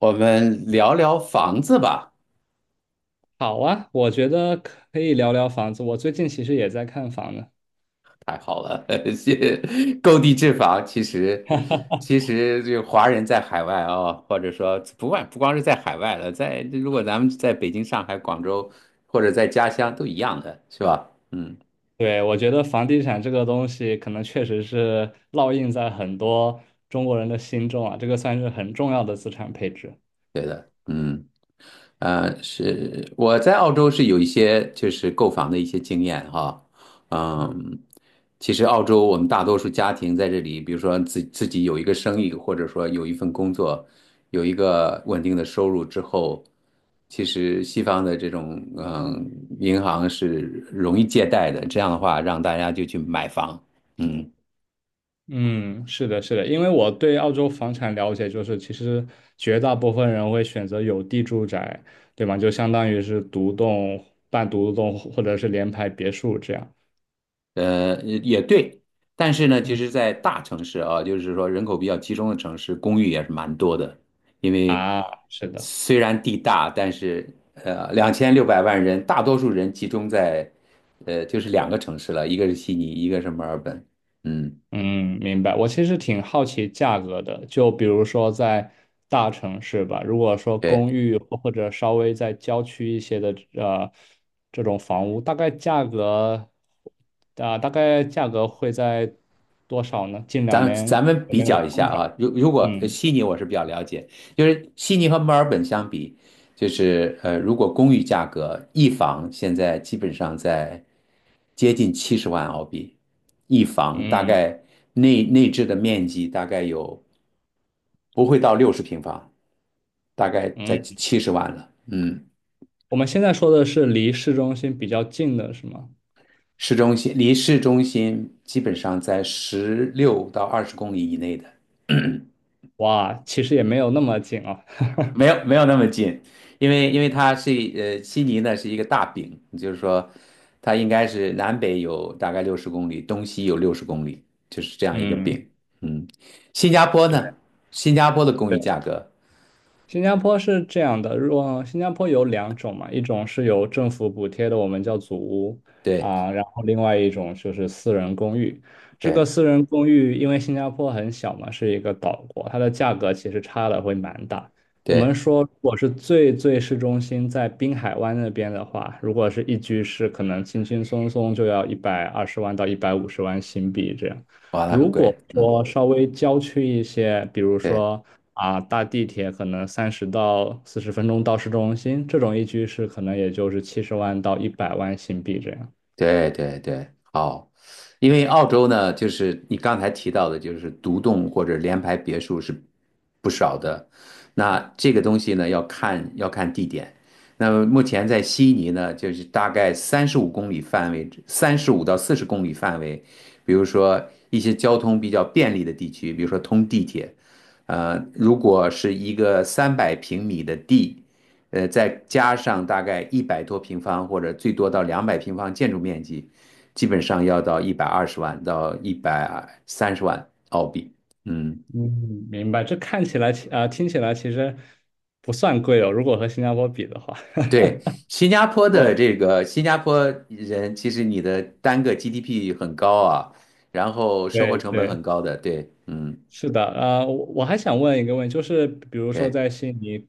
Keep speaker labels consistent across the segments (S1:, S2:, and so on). S1: 我们聊聊房子吧，
S2: 好啊，我觉得可以聊聊房子。我最近其实也在看房呢。
S1: 太好了，谢购地置房。其实，这个华人在海外啊、或者说不光是在海外了，在如果咱们在北京、上海、广州或者在家乡都一样的，是吧？嗯
S2: 对，我觉得房地产这个东西，可能确实是烙印在很多中国人的心中啊，这个算是很重要的资产配置。
S1: 嗯。是我在澳洲是有一些就是购房的一些经验哈，嗯，其实澳洲我们大多数家庭在这里，比如说自己有一个生意，或者说有一份工作，有一个稳定的收入之后，其实西方的这种银行是容易借贷的，这样的话让大家就去买房，嗯。
S2: 嗯，是的，是的，因为我对澳洲房产了解，就是其实绝大部分人会选择有地住宅，对吗？就相当于是独栋、半独栋或者是联排别墅这样。
S1: 也对，但是呢，其
S2: 嗯
S1: 实，在大城市啊，就是说人口比较集中的城市，公寓也是蛮多的，因为
S2: 啊，是的。
S1: 虽然地大，但是2600万人，大多数人集中在就是两个城市了，一个是悉尼，一个是墨尔本，嗯。
S2: 嗯，明白。我其实挺好奇价格的，就比如说在大城市吧，如果说
S1: 对。
S2: 公寓或者稍微在郊区一些的这种房屋，大概价格会在多少呢？近两
S1: 咱咱
S2: 年
S1: 们
S2: 有
S1: 比
S2: 没有
S1: 较一下
S2: 增长？
S1: 啊，如果
S2: 嗯
S1: 悉尼我是比较了解，就是悉尼和墨尔本相比，就是如果公寓价格一房现在基本上在接近70万澳币，一房大
S2: 嗯
S1: 概内置的面积大概有不会到六十平方，大概
S2: 嗯，
S1: 在七十万了。嗯，
S2: 我们现在说的是离市中心比较近的是吗？
S1: 市中心离市中心基本上在16到20公里以内的。
S2: 哇，其实也没有那么近啊。
S1: 没有没有那么近，因为它是悉尼呢是一个大饼，就是说它应该是南北有大概六十公里，东西有六十公里，就是这样一个
S2: 嗯。
S1: 饼。嗯，新加坡
S2: 对。
S1: 呢，新加坡的公寓价格，
S2: 新加坡是这样的，如果新加坡有两种嘛，一种是由政府补贴的，我们叫祖屋
S1: 对
S2: 啊，然后另外一种就是私人公寓。这个
S1: 对
S2: 私人公寓，因为新加坡很小嘛，是一个岛国，它的价格其实差的会蛮大。我们
S1: 对，
S2: 说，如果是最最市中心，在滨海湾那边的话，如果是一居室，可能轻轻松松就要120万到150万新币这样。
S1: 哇，那很
S2: 如果
S1: 贵，嗯。
S2: 说稍微郊区一些，比如
S1: 对。
S2: 说啊，搭地铁可能30到40分钟到市中心，这种一居室可能也就是70万到100万新币这样。
S1: 对对对，好，因为澳洲呢，就是你刚才提到的，就是独栋或者联排别墅是不少的。那这个东西呢，要看地点。那么目前在悉尼呢，就是大概35公里范围，35到40公里范围，比如说一些交通比较便利的地区，比如说通地铁，如果是一个300平米的地。再加上大概100多平方或者最多到200平方建筑面积，基本上要到120万到130万澳币。嗯，
S2: 嗯，明白。这看起来啊，听起来其实不算贵哦，如果和新加坡比的话。
S1: 对，新加坡的
S2: 哦，
S1: 这个新加坡人，其实你的单个 GDP 很高啊，然后生活
S2: 对
S1: 成本
S2: 对，
S1: 很高的，对，嗯，
S2: 是的，我还想问一个问题，就是比如说
S1: 对。
S2: 在悉尼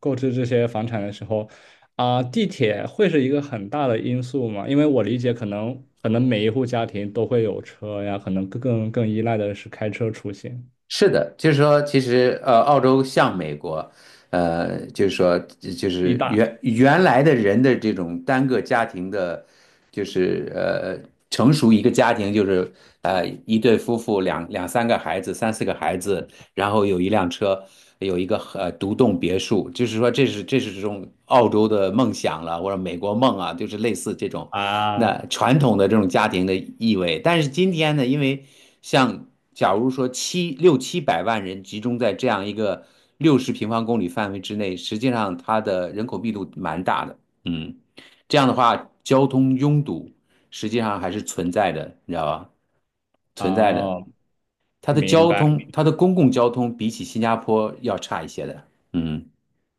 S2: 购置这些房产的时候，地铁会是一个很大的因素吗？因为我理解，可能每一户家庭都会有车呀，可能更依赖的是开车出行。
S1: 是的，就是说，其实澳洲像美国，就是说，就
S2: 地
S1: 是
S2: 大
S1: 原来的人的这种单个家庭的，就是成熟一个家庭就是一对夫妇两三个孩子，三四个孩子，然后有一辆车，有一个独栋别墅，就是说这是这种澳洲的梦想了，或者美国梦啊，就是类似这种
S2: 啊，
S1: 那传统的这种家庭的意味。但是今天呢，因为像。假如说700万人集中在这样一个60平方公里范围之内，实际上它的人口密度蛮大的。嗯，这样的话，交通拥堵实际上还是存在的，你知道吧？存在的，
S2: 哦，
S1: 它的
S2: 明
S1: 交
S2: 白。
S1: 通，它的公共交通比起新加坡要差一些的。嗯，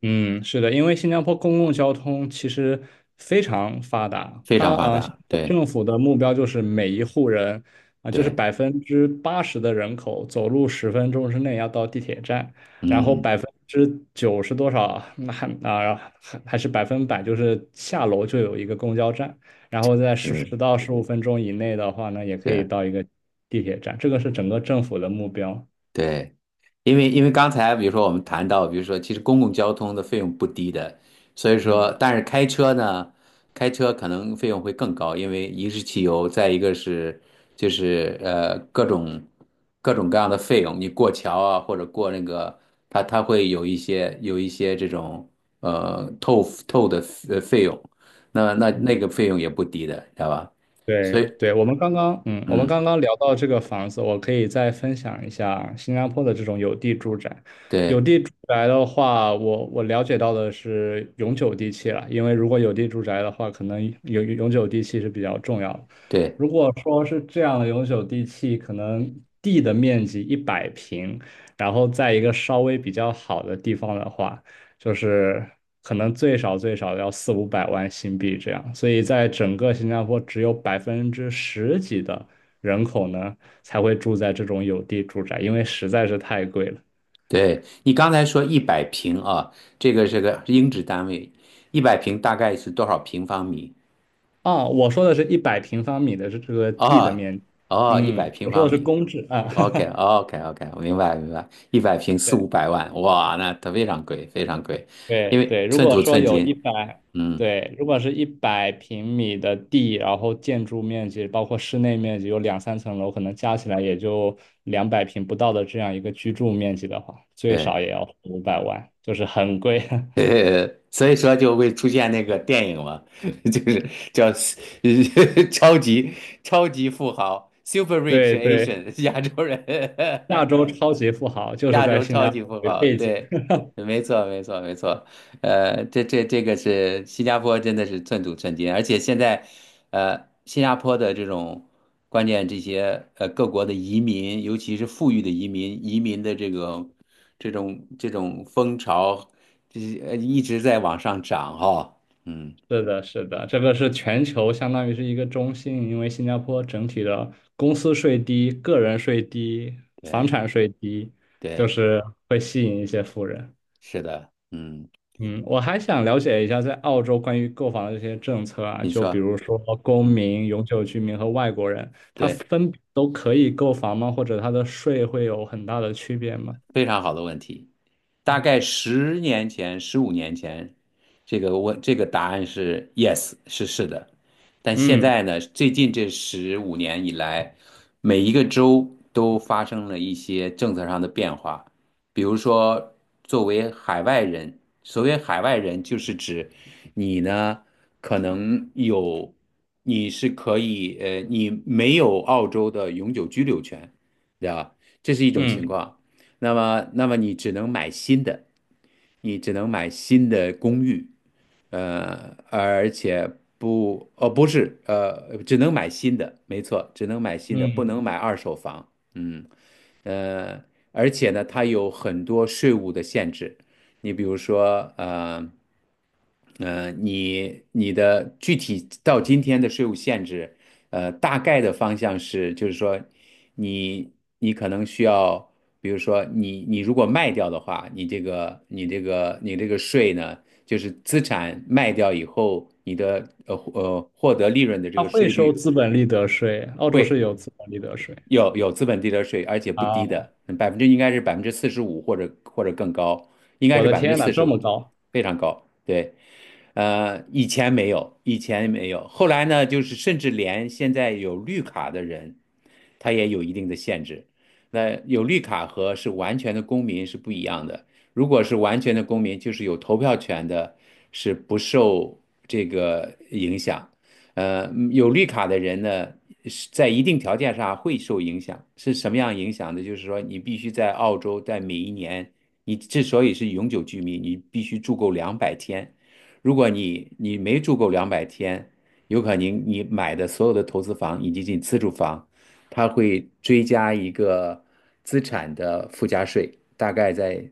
S2: 嗯，是的，因为新加坡公共交通其实非常发达，
S1: 非
S2: 它
S1: 常发
S2: 啊，新加
S1: 达。
S2: 坡
S1: 对
S2: 政府的目标就是每一户人啊，就是
S1: 对，
S2: 80%的人口走路十分钟之内要到地铁站，然后
S1: 嗯
S2: 90%多少，那还啊还还是100%，就是下楼就有一个公交站，然后在十
S1: 嗯，
S2: 十到十五分钟以内的话呢，也可以
S1: 对。
S2: 到一个地铁站，这个是整个政府的目标。
S1: 对，因为刚才比如说我们谈到，比如说其实公共交通的费用不低的，所以说
S2: 嗯
S1: 但是开车呢，开车可能费用会更高，因为一是汽油，再一个是就是各种各样的费用，你过桥啊或者过那个它会有一些这种呃透透的费用，那那
S2: 嗯。
S1: 那个费用也不低的，知道吧？所以
S2: 对对，我们
S1: 嗯
S2: 刚刚聊到这个房子，我可以再分享一下新加坡的这种有地住宅。有
S1: 对。
S2: 地住宅的话，我了解到的是永久地契了，因为如果有地住宅的话，可能永久地契是比较重要的。
S1: 对
S2: 如果说是这样的永久地契，可能地的面积一百平，然后在一个稍微比较好的地方的话。就是可能最少最少要四五百万新币这样，所以在整个新加坡只有百分之十几的人口呢才会住在这种有地住宅，因为实在是太贵了。
S1: 对，你刚才说一百平啊，这个是个英制单位，一百平大概是多少平方米？
S2: 啊，我说的是100平方米的这个地的
S1: 哦，
S2: 面积，
S1: 哦，一百
S2: 嗯，
S1: 平
S2: 我说
S1: 方
S2: 的是
S1: 米。
S2: 公制啊，
S1: o k o k o k 我明白明白。100平四五
S2: 对。
S1: 百万，哇，那它非常贵，非常贵，因
S2: 对
S1: 为
S2: 对，如
S1: 寸
S2: 果
S1: 土
S2: 说
S1: 寸
S2: 有一
S1: 金。
S2: 百，
S1: 嗯，
S2: 对，如果是100平米的地，然后建筑面积包括室内面积有两三层楼，可能加起来也就200平不到的这样一个居住面积的话，最
S1: 对，
S2: 少也要五百万，就是很贵。
S1: 所以说就会出现那个电影嘛，就是叫 超级超级富豪 （Super Rich
S2: 对对，
S1: Asian） 亚洲人。
S2: 亚 洲超级富豪就是
S1: 亚
S2: 在
S1: 洲
S2: 新
S1: 超
S2: 加
S1: 级
S2: 坡
S1: 富
S2: 为
S1: 豪，
S2: 背景。
S1: 对，没错，没错，没错。这个是新加坡，真的是寸土寸金，而且现在，新加坡的这种关键这些各国的移民，尤其是富裕的移民，移民的这个这种风潮，这一直在往上涨哈、嗯，
S2: 是的，是的，这个是全球相当于是一个中心，因为新加坡整体的公司税低、个人税低、房
S1: 对
S2: 产税低，就
S1: 对，
S2: 是会吸引一些富人。
S1: 是的，嗯，
S2: 嗯，我还想了解一下在澳洲关于购房的这些政策啊，
S1: 你
S2: 就比
S1: 说，
S2: 如说公
S1: 嗯，
S2: 民、永久居民和外国人，他
S1: 对。
S2: 分别都可以购房吗？或者他的税会有很大的区别吗？
S1: 非常好的问题。大概10年前、15年前，这个问这个答案是 yes，是的。但现
S2: 嗯
S1: 在呢，最近这十五年以来，每一个州都发生了一些政策上的变化。比如说，作为海外人，所谓海外人，就是指你呢，可能有，你是可以，你没有澳洲的永久居留权，对吧？这是一种情
S2: 嗯
S1: 况。那么，你只能买新的，你只能买新的公寓，而且不，哦，不是，只能买新的，没错，只能买新的，不能
S2: 嗯，
S1: 买二手房，嗯，呃，而且呢，它有很多税务的限制，你比如说。你的具体到今天的税务限制，大概的方向是，就是说你你可能需要，比如说你如果卖掉的话，你这个税呢，就是资产卖掉以后，你的获得利润的这
S2: 他
S1: 个
S2: 会
S1: 税
S2: 收
S1: 率
S2: 资本利得税，澳洲是
S1: 会。
S2: 有资本利得税。
S1: 有资本利得税，而且不低
S2: 啊。
S1: 的，百分之应该是百分之四十五或者更高，应该
S2: 我
S1: 是
S2: 的
S1: 百分之
S2: 天呐，
S1: 四十
S2: 这么
S1: 五，
S2: 高！
S1: 非常高。对，以前没有，以前没有，后来呢，就是甚至连现在有绿卡的人，他也有一定的限制。那有绿卡和是完全的公民是不一样的。如果是完全的公民，就是有投票权的，是不受这个影响；有绿卡的人呢，是在一定条件上会受影响。是什么样影响呢？就是说，你必须在澳洲，在每一年，你之所以是永久居民，你必须住够两百天。如果你没住够两百天，有可能你买的所有的投资房以及你自住房，它会追加一个资产的附加税，大概在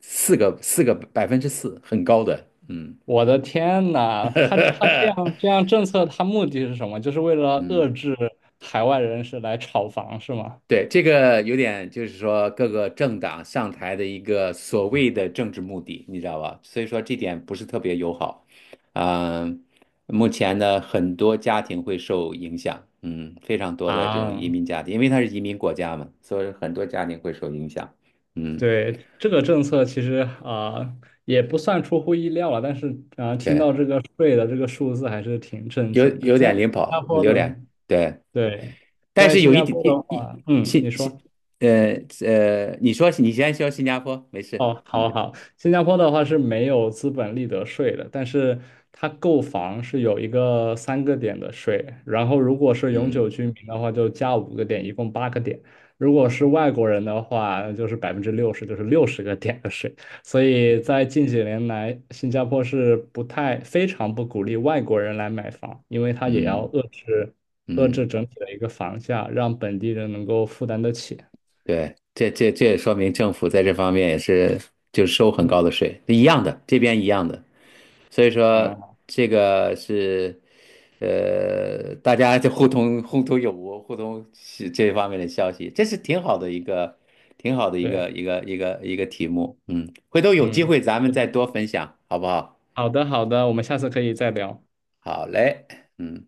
S1: 四个四个百分之四，很高的。嗯，
S2: 我的天呐，他这样这 样政策，他目的是什么？就是为了
S1: 嗯。
S2: 遏制海外人士来炒房，是吗？
S1: 对，这个有点就是说各个政党上台的一个所谓的政治目的，你知道吧？所以说这点不是特别友好。嗯、目前呢，很多家庭会受影响，嗯，非常多的这种移
S2: 啊，
S1: 民家庭，因为它是移民国家嘛，所以很多家庭会受影响。嗯，
S2: 对，这个政策其实也不算出乎意料了，但是听
S1: 对，
S2: 到这个税的这个数字还是挺震
S1: 有
S2: 惊的。
S1: 有
S2: 在
S1: 点
S2: 新
S1: 领
S2: 加
S1: 跑，
S2: 坡
S1: 有
S2: 的，
S1: 点对，
S2: 对，
S1: 但
S2: 在
S1: 是
S2: 新
S1: 有一
S2: 加
S1: 点
S2: 坡的
S1: 一一
S2: 话，嗯，
S1: 新
S2: 你说。
S1: 新呃呃，你说你先说新加坡，没事，
S2: 哦，好
S1: 嗯
S2: 好，新加坡的话是没有资本利得税的，但是它购房是有一个三个点的税，然后如果是永久
S1: 嗯
S2: 居民的话就加五个点，一共八个点；如果是外国人的话，就是60%，就是六十个点的税。所以在近几年来，新加坡是不太非常不鼓励外国人来买房，因为它也要
S1: 嗯。
S2: 遏制遏
S1: 嗯，
S2: 制整体的一个房价，让本地人能够负担得起。
S1: 对，这也说明政府在这方面也是就是收很
S2: 嗯
S1: 高的税，一样的，这边一样的。所以说
S2: 啊，
S1: 这个是，大家就互通有无，互通是这方面的消息，这是挺好的一个，挺好的一
S2: 对，
S1: 个题目。嗯，回头有机
S2: 嗯。
S1: 会咱们再多分享，好不好？
S2: 好的，好的，我们下次可以再聊。
S1: 好嘞，嗯。